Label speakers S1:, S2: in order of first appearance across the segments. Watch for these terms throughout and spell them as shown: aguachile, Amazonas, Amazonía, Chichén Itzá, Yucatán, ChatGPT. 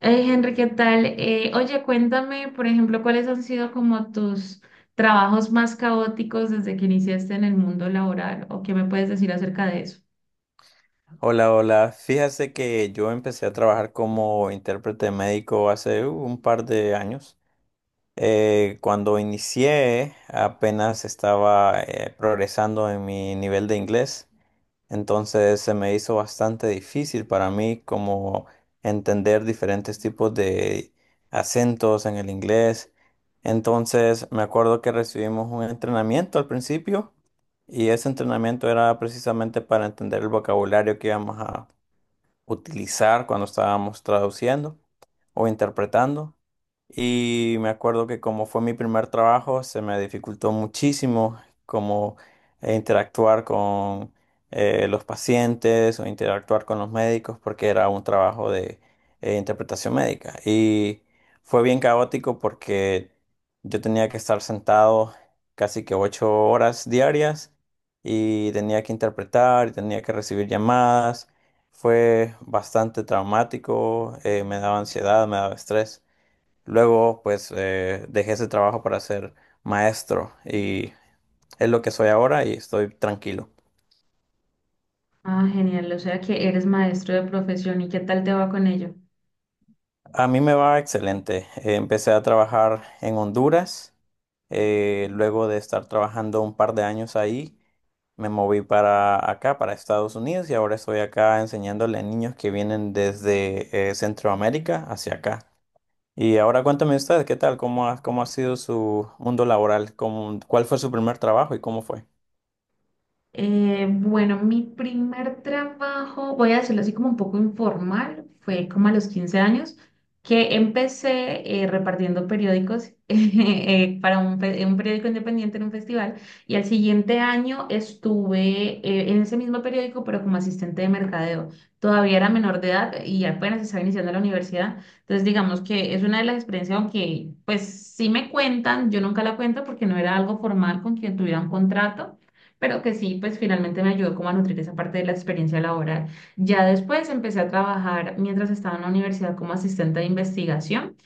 S1: Hey Henry, ¿qué tal? Oye, cuéntame, por ejemplo, cuáles han sido como tus trabajos más caóticos desde que iniciaste en el mundo laboral o qué me puedes decir acerca de eso.
S2: Hola, hola. Fíjase que yo empecé a trabajar como intérprete médico hace un par de años. Cuando inicié, apenas estaba progresando en mi nivel de inglés, entonces se me hizo bastante difícil para mí como entender diferentes tipos de acentos en el inglés. Entonces me acuerdo que recibimos un entrenamiento al principio y ese entrenamiento era precisamente para entender el vocabulario que íbamos a utilizar cuando estábamos traduciendo o interpretando. Y me acuerdo que como fue mi primer trabajo, se me dificultó muchísimo como interactuar con los pacientes o interactuar con los médicos porque era un trabajo de interpretación médica. Y fue bien caótico porque yo tenía que estar sentado casi que 8 horas diarias y tenía que interpretar y tenía que recibir llamadas. Fue bastante traumático, me daba ansiedad, me daba estrés. Luego, pues, dejé ese trabajo para ser maestro y es lo que soy ahora y estoy tranquilo.
S1: Ah, genial, o sea que eres maestro de profesión y qué tal te va con ello.
S2: A mí me va excelente. Empecé a trabajar en Honduras. Luego de estar trabajando un par de años ahí, me moví para acá, para Estados Unidos, y ahora estoy acá enseñándole a niños que vienen desde Centroamérica hacia acá. Y ahora cuéntame usted, ¿qué tal? Cómo ha sido su mundo laboral? Cuál fue su primer trabajo y cómo fue?
S1: Bueno, mi primer trabajo, voy a decirlo así como un poco informal, fue como a los 15 años, que empecé repartiendo periódicos para un periódico independiente en un festival y al siguiente año estuve en ese mismo periódico pero como asistente de mercadeo. Todavía era menor de edad y apenas estaba iniciando la universidad, entonces digamos que es una de las experiencias, aunque pues sí me cuentan, yo nunca la cuento porque no era algo formal con quien tuviera un contrato pero que sí, pues finalmente me ayudó como a nutrir esa parte de la experiencia laboral. Ya después empecé a trabajar mientras estaba en la universidad como asistente de investigación.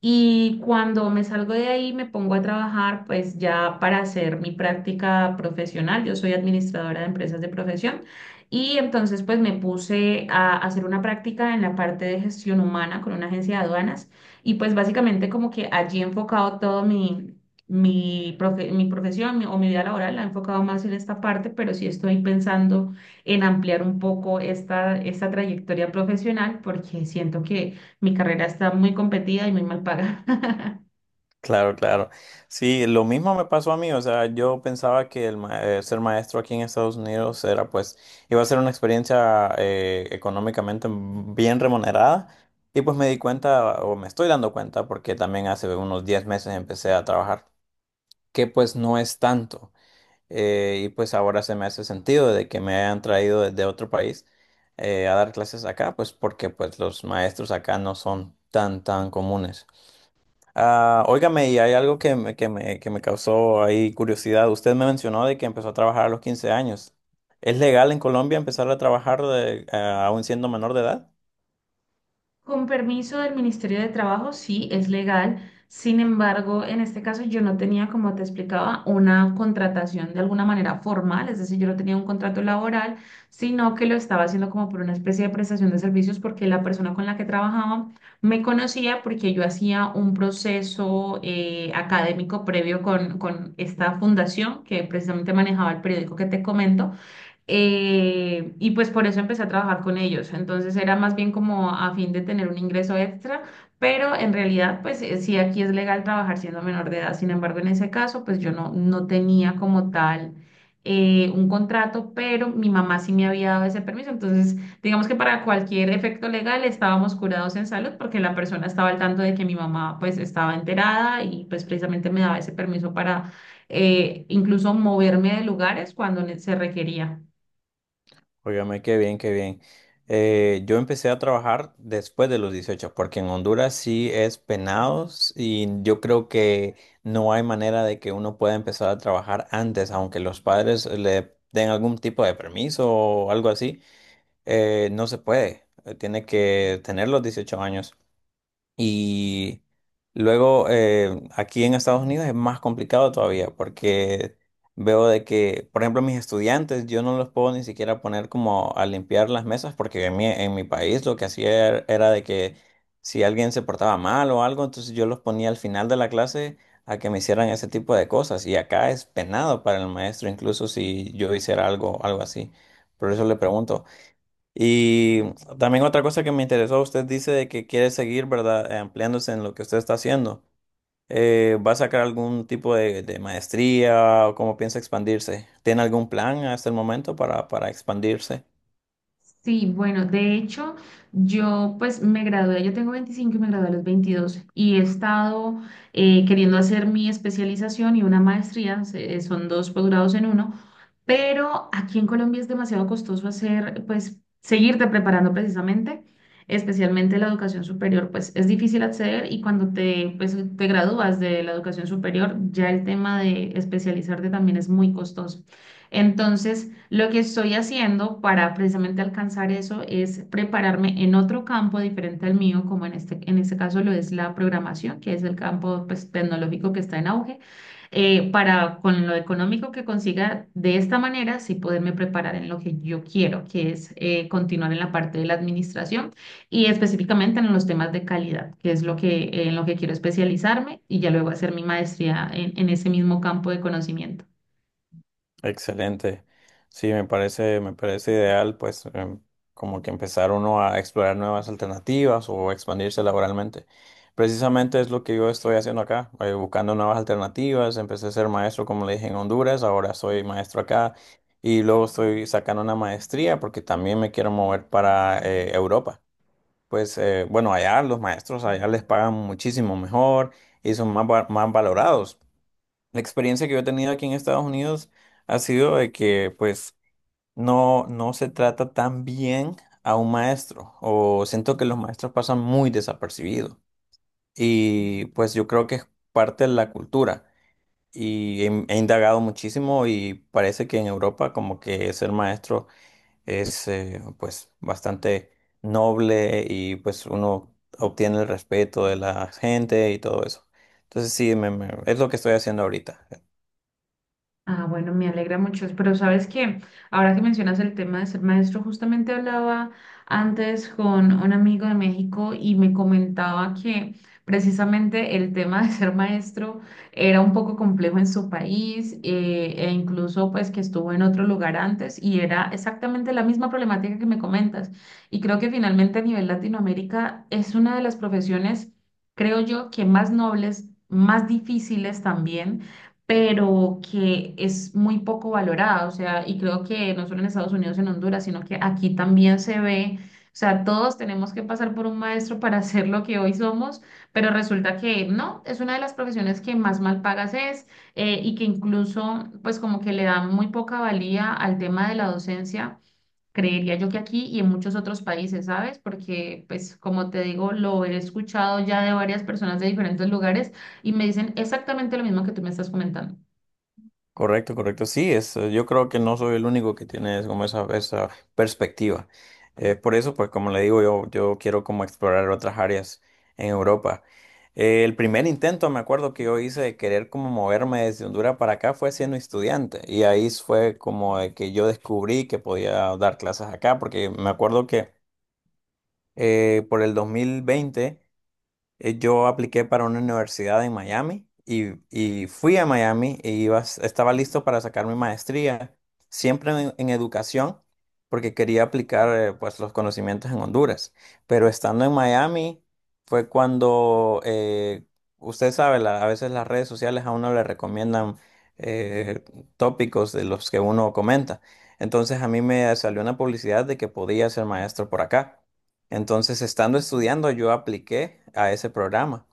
S1: Y cuando me salgo de ahí, me pongo a trabajar, pues ya para hacer mi práctica profesional. Yo soy administradora de empresas de profesión y entonces pues me puse a hacer una práctica en la parte de gestión humana con una agencia de aduanas y pues básicamente como que allí he enfocado todo mi profesión, o mi vida laboral, la he enfocado más en esta parte, pero sí estoy pensando en ampliar un poco esta trayectoria profesional porque siento que mi carrera está muy competida y muy mal pagada.
S2: Claro, claro. Sí, lo mismo me pasó a mí. O sea, yo pensaba que ser maestro aquí en Estados Unidos era, pues, iba a ser una experiencia económicamente bien remunerada. Y pues me di cuenta, o me estoy dando cuenta, porque también hace unos 10 meses empecé a trabajar, que pues no es tanto. Y pues ahora se me hace sentido de que me hayan traído desde otro país a dar clases acá, pues porque pues los maestros acá no son tan tan comunes. Ah, óigame, y hay algo que me causó ahí curiosidad. Usted me mencionó de que empezó a trabajar a los 15 años. ¿Es legal en Colombia empezar a trabajar aún siendo menor de edad?
S1: Con permiso del Ministerio de Trabajo, sí, es legal. Sin embargo, en este caso yo no tenía, como te explicaba, una contratación de alguna manera formal, es decir, yo no tenía un contrato laboral, sino que lo estaba haciendo como por una especie de prestación de servicios porque la persona con la que trabajaba me conocía porque yo hacía un proceso académico previo con esta fundación que precisamente manejaba el periódico que te comento. Y pues por eso empecé a trabajar con ellos. Entonces era más bien como a fin de tener un ingreso extra, pero en realidad pues sí aquí es legal trabajar siendo menor de edad. Sin embargo, en ese caso pues yo no, no tenía como tal un contrato, pero mi mamá sí me había dado ese permiso. Entonces digamos que para cualquier efecto legal estábamos curados en salud porque la persona estaba al tanto de que mi mamá pues estaba enterada y pues precisamente me daba ese permiso para incluso moverme de lugares cuando se requería.
S2: Óigame, qué bien, qué bien. Yo empecé a trabajar después de los 18 porque en Honduras sí es penados y yo creo que no hay manera de que uno pueda empezar a trabajar antes, aunque los padres le den algún tipo de permiso o algo así, no se puede. Tiene que tener los 18 años. Y luego, aquí en Estados Unidos es más complicado todavía porque veo de que, por ejemplo, mis estudiantes, yo no los puedo ni siquiera poner como a limpiar las mesas porque en mi país lo que hacía era de que si alguien se portaba mal o algo, entonces yo los ponía al final de la clase a que me hicieran ese tipo de cosas. Y acá es penado para el maestro, incluso si yo hiciera algo, algo así. Por eso le pregunto. Y también otra cosa que me interesó, usted dice de que quiere seguir, ¿verdad? Ampliándose en lo que usted está haciendo. ¿Va a sacar algún tipo de maestría o cómo piensa expandirse? ¿Tiene algún plan hasta el momento para expandirse?
S1: Sí, bueno, de hecho, yo pues me gradué, yo tengo 25 y me gradué a los 22 y he estado queriendo hacer mi especialización y una maestría, son dos posgrados en uno, pero aquí en Colombia es demasiado costoso hacer, pues, seguirte preparando precisamente, especialmente la educación superior, pues es difícil acceder y cuando te, pues, te gradúas de la educación superior, ya el tema de especializarte también es muy costoso. Entonces, lo que estoy haciendo para precisamente alcanzar eso es prepararme en otro campo diferente al mío, como en en este caso lo es la programación, que es el campo pues, tecnológico que está en auge, para con lo económico que consiga de esta manera, sí poderme preparar en lo que yo quiero, que es continuar en la parte de la administración y específicamente en los temas de calidad, que es lo que, en lo que quiero especializarme y ya luego hacer mi maestría en ese mismo campo de conocimiento.
S2: Excelente. Sí, me parece ideal, pues, como que empezar uno a explorar nuevas alternativas o expandirse laboralmente. Precisamente es lo que yo estoy haciendo acá, buscando nuevas alternativas. Empecé a ser maestro, como le dije, en Honduras, ahora soy maestro acá y luego estoy sacando una maestría porque también me quiero mover para Europa. Pues, bueno, allá los maestros, allá les pagan muchísimo mejor y son más, más valorados. La experiencia que yo he tenido aquí en Estados Unidos ha sido de que pues no, no se trata tan bien a un maestro o siento que los maestros pasan muy desapercibidos y pues yo creo que es parte de la cultura y he indagado muchísimo y parece que en Europa como que ser maestro es, pues bastante noble y pues uno obtiene el respeto de la gente y todo eso. Entonces sí, es lo que estoy haciendo ahorita.
S1: Ah, bueno, me alegra mucho, pero sabes que ahora que mencionas el tema de ser maestro, justamente hablaba antes con un amigo de México y me comentaba que precisamente el tema de ser maestro era un poco complejo en su país e incluso pues que estuvo en otro lugar antes y era exactamente la misma problemática que me comentas. Y creo que finalmente a nivel Latinoamérica es una de las profesiones, creo yo, que más nobles, más difíciles también pero que es muy poco valorada, o sea, y creo que no solo en Estados Unidos, en Honduras, sino que aquí también se ve, o sea, todos tenemos que pasar por un maestro para ser lo que hoy somos, pero resulta que no, es una de las profesiones que más mal pagas es y que incluso, pues como que le da muy poca valía al tema de la docencia. Creería yo que aquí y en muchos otros países, ¿sabes? Porque, pues, como te digo, lo he escuchado ya de varias personas de diferentes lugares y me dicen exactamente lo mismo que tú me estás comentando.
S2: Correcto, correcto. Sí, es, yo creo que no soy el único que tiene es como esa perspectiva. Por eso, pues como le digo, yo quiero como explorar otras áreas en Europa. El primer intento, me acuerdo que yo hice de querer como moverme desde Honduras para acá fue siendo estudiante. Y ahí fue como de que yo descubrí que podía dar clases acá, porque me acuerdo que por el 2020, yo apliqué para una universidad en Miami y fui a Miami y iba, estaba listo para sacar mi maestría, siempre en educación, porque quería aplicar pues los conocimientos en Honduras. Pero estando en Miami fue cuando, usted sabe, a veces las redes sociales a uno le recomiendan eh, tópicos de los que uno comenta. Entonces a mí me salió una publicidad de que podía ser maestro por acá. Entonces, estando estudiando, yo apliqué a ese programa.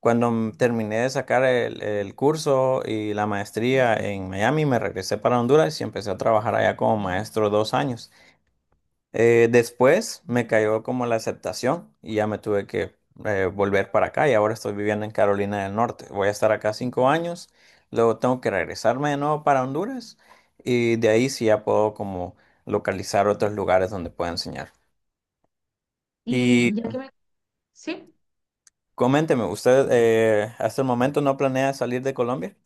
S2: Cuando terminé de sacar el curso y la maestría en Miami, me regresé para Honduras y empecé a trabajar allá como maestro 2 años. Después me cayó como la aceptación y ya me tuve que volver para acá y ahora estoy viviendo en Carolina del Norte. Voy a estar acá 5 años, luego tengo que regresarme de nuevo para Honduras y de ahí sí ya puedo como localizar otros lugares donde pueda enseñar.
S1: Y ya que me... Sí.
S2: Coménteme, ¿usted hasta el momento no planea salir de Colombia?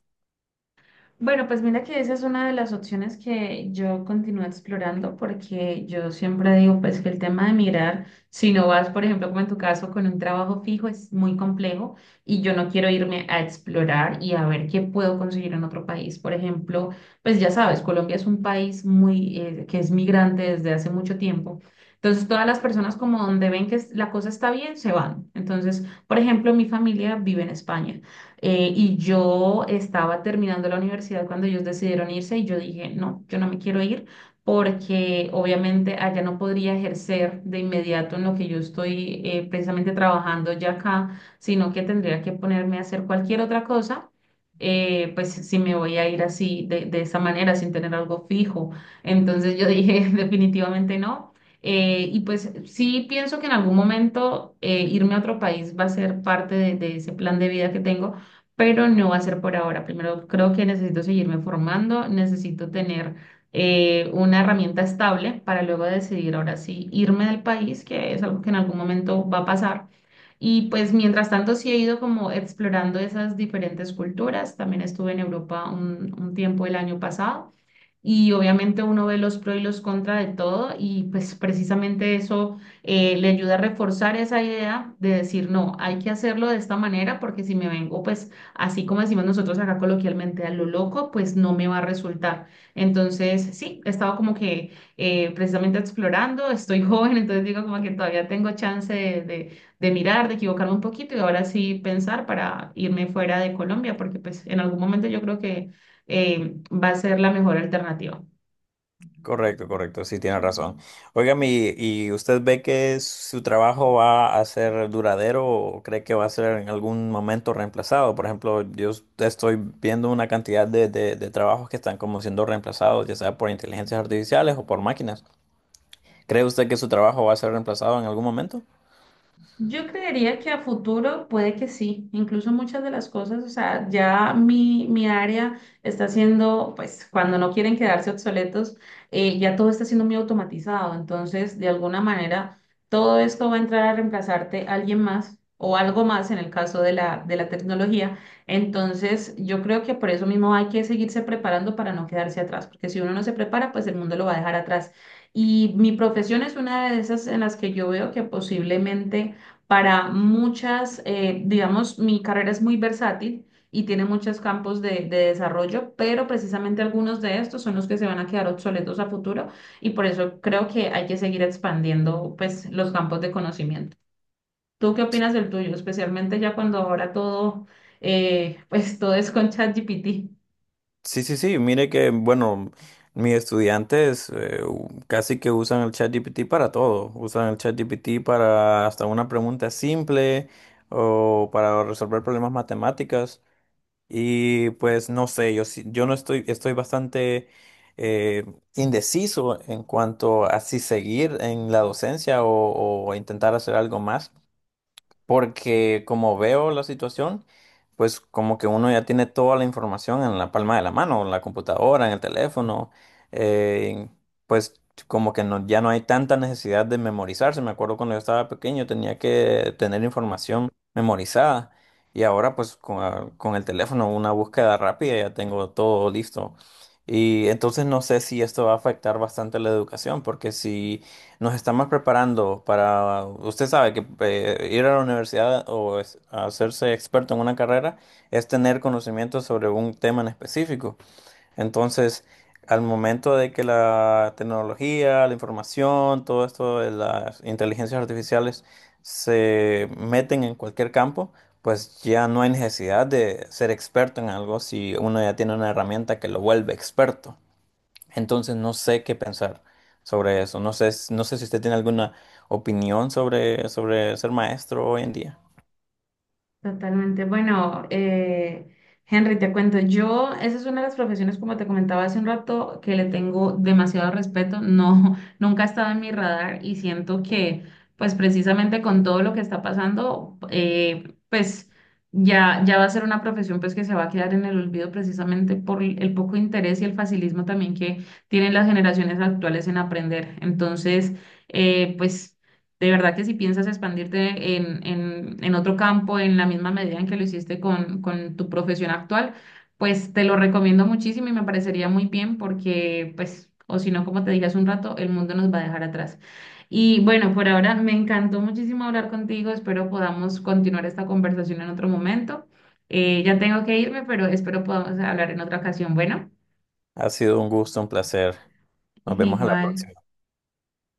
S1: Bueno, pues mira que esa es una de las opciones que yo continúo explorando porque yo siempre digo pues que el tema de migrar, si no vas, por ejemplo, como en tu caso, con un trabajo fijo, es muy complejo y yo no quiero irme a explorar y a ver qué puedo conseguir en otro país. Por ejemplo, pues ya sabes, Colombia es un país muy que es migrante desde hace mucho tiempo. Entonces, todas las personas como donde ven que la cosa está bien, se van. Entonces, por ejemplo, mi familia vive en España. Y yo estaba terminando la universidad cuando ellos decidieron irse y yo dije, no, yo no me quiero ir porque obviamente allá no podría ejercer de inmediato en lo que yo estoy precisamente trabajando ya acá, sino que tendría que ponerme a hacer cualquier otra cosa. Pues si me voy a ir así de esa manera, sin tener algo fijo. Entonces yo dije, definitivamente no. Y pues sí pienso que en algún momento irme a otro país va a ser parte de ese plan de vida que tengo, pero no va a ser por ahora. Primero creo que necesito seguirme formando, necesito tener una herramienta estable para luego decidir ahora sí irme del país, que es algo que en algún momento va a pasar. Y pues mientras tanto sí he ido como explorando esas diferentes culturas. También estuve en Europa un tiempo el año pasado y obviamente uno ve los pros y los contras de todo y pues precisamente eso le ayuda a reforzar esa idea de decir, no, hay que hacerlo de esta manera porque si me vengo pues así como decimos nosotros acá coloquialmente a lo loco, pues no me va a resultar. Entonces, sí, he estado como que precisamente explorando, estoy joven, entonces digo como que todavía tengo chance de de mirar, de equivocarme un poquito y ahora sí pensar para irme fuera de Colombia porque pues en algún momento yo creo que va a ser la mejor alternativa.
S2: Correcto, correcto, sí, tiene razón. Oiga, ¿y usted ve que su trabajo va a ser duradero o cree que va a ser en algún momento reemplazado? Por ejemplo, yo estoy viendo una cantidad de trabajos que están como siendo reemplazados, ya sea por inteligencias artificiales o por máquinas. ¿Cree usted que su trabajo va a ser reemplazado en algún momento?
S1: Yo creería que a futuro puede que sí, incluso muchas de las cosas, o sea, ya mi área está siendo, pues cuando no quieren quedarse obsoletos, ya todo está siendo muy automatizado, entonces de alguna manera todo esto va a entrar a reemplazarte a alguien más o algo más en el caso de de la tecnología, entonces yo creo que por eso mismo hay que seguirse preparando para no quedarse atrás, porque si uno no se prepara, pues el mundo lo va a dejar atrás. Y mi profesión es una de esas en las que yo veo que posiblemente para muchas, digamos, mi carrera es muy versátil y tiene muchos campos de desarrollo, pero precisamente algunos de estos son los que se van a quedar obsoletos a futuro y por eso creo que hay que seguir expandiendo, pues, los campos de conocimiento. ¿Tú qué opinas del tuyo? Especialmente ya cuando ahora todo, pues, todo es con ChatGPT.
S2: Sí, sí, sí, mire que, bueno, mis estudiantes casi que usan el ChatGPT para todo. Usan el ChatGPT para hasta una pregunta simple o para resolver problemas matemáticas. Y pues no sé, yo no estoy, estoy bastante eh, indeciso en cuanto a si seguir en la docencia o intentar hacer algo más. Porque como veo la situación, pues como que uno ya tiene toda la información en la palma de la mano, en la computadora, en el teléfono, eh, pues como que no, ya no hay tanta necesidad de memorizarse. Me acuerdo cuando yo estaba pequeño tenía que tener información memorizada y ahora pues con el teléfono una búsqueda rápida ya tengo todo listo. Y entonces no sé si esto va a afectar bastante la educación, porque si nos estamos preparando para, usted sabe que ir a la universidad o hacerse experto en una carrera es tener conocimiento sobre un tema en específico. Entonces, al momento de que la tecnología, la información, todo esto de las inteligencias artificiales se meten en cualquier campo, pues ya no hay necesidad de ser experto en algo si uno ya tiene una herramienta que lo vuelve experto. Entonces no sé qué pensar sobre eso. No sé, no sé si usted tiene alguna opinión sobre, sobre ser maestro hoy en día.
S1: Totalmente. Bueno, Henry, te cuento, yo, esa es una de las profesiones, como te comentaba hace un rato, que le tengo demasiado respeto. No, nunca ha estado en mi radar y siento que, pues precisamente con todo lo que está pasando, pues ya va a ser una profesión pues que se va a quedar en el olvido precisamente por el poco interés y el facilismo también que tienen las generaciones actuales en aprender. Entonces, pues... De verdad que si piensas expandirte en otro campo en la misma medida en que lo hiciste con tu profesión actual, pues te lo recomiendo muchísimo y me parecería muy bien porque, pues, o si no, como te dije hace un rato, el mundo nos va a dejar atrás. Y bueno, por ahora me encantó muchísimo hablar contigo. Espero podamos continuar esta conversación en otro momento. Ya tengo que irme, pero espero podamos hablar en otra ocasión. Bueno,
S2: Ha sido un gusto, un placer. Nos vemos a la
S1: igual.
S2: próxima.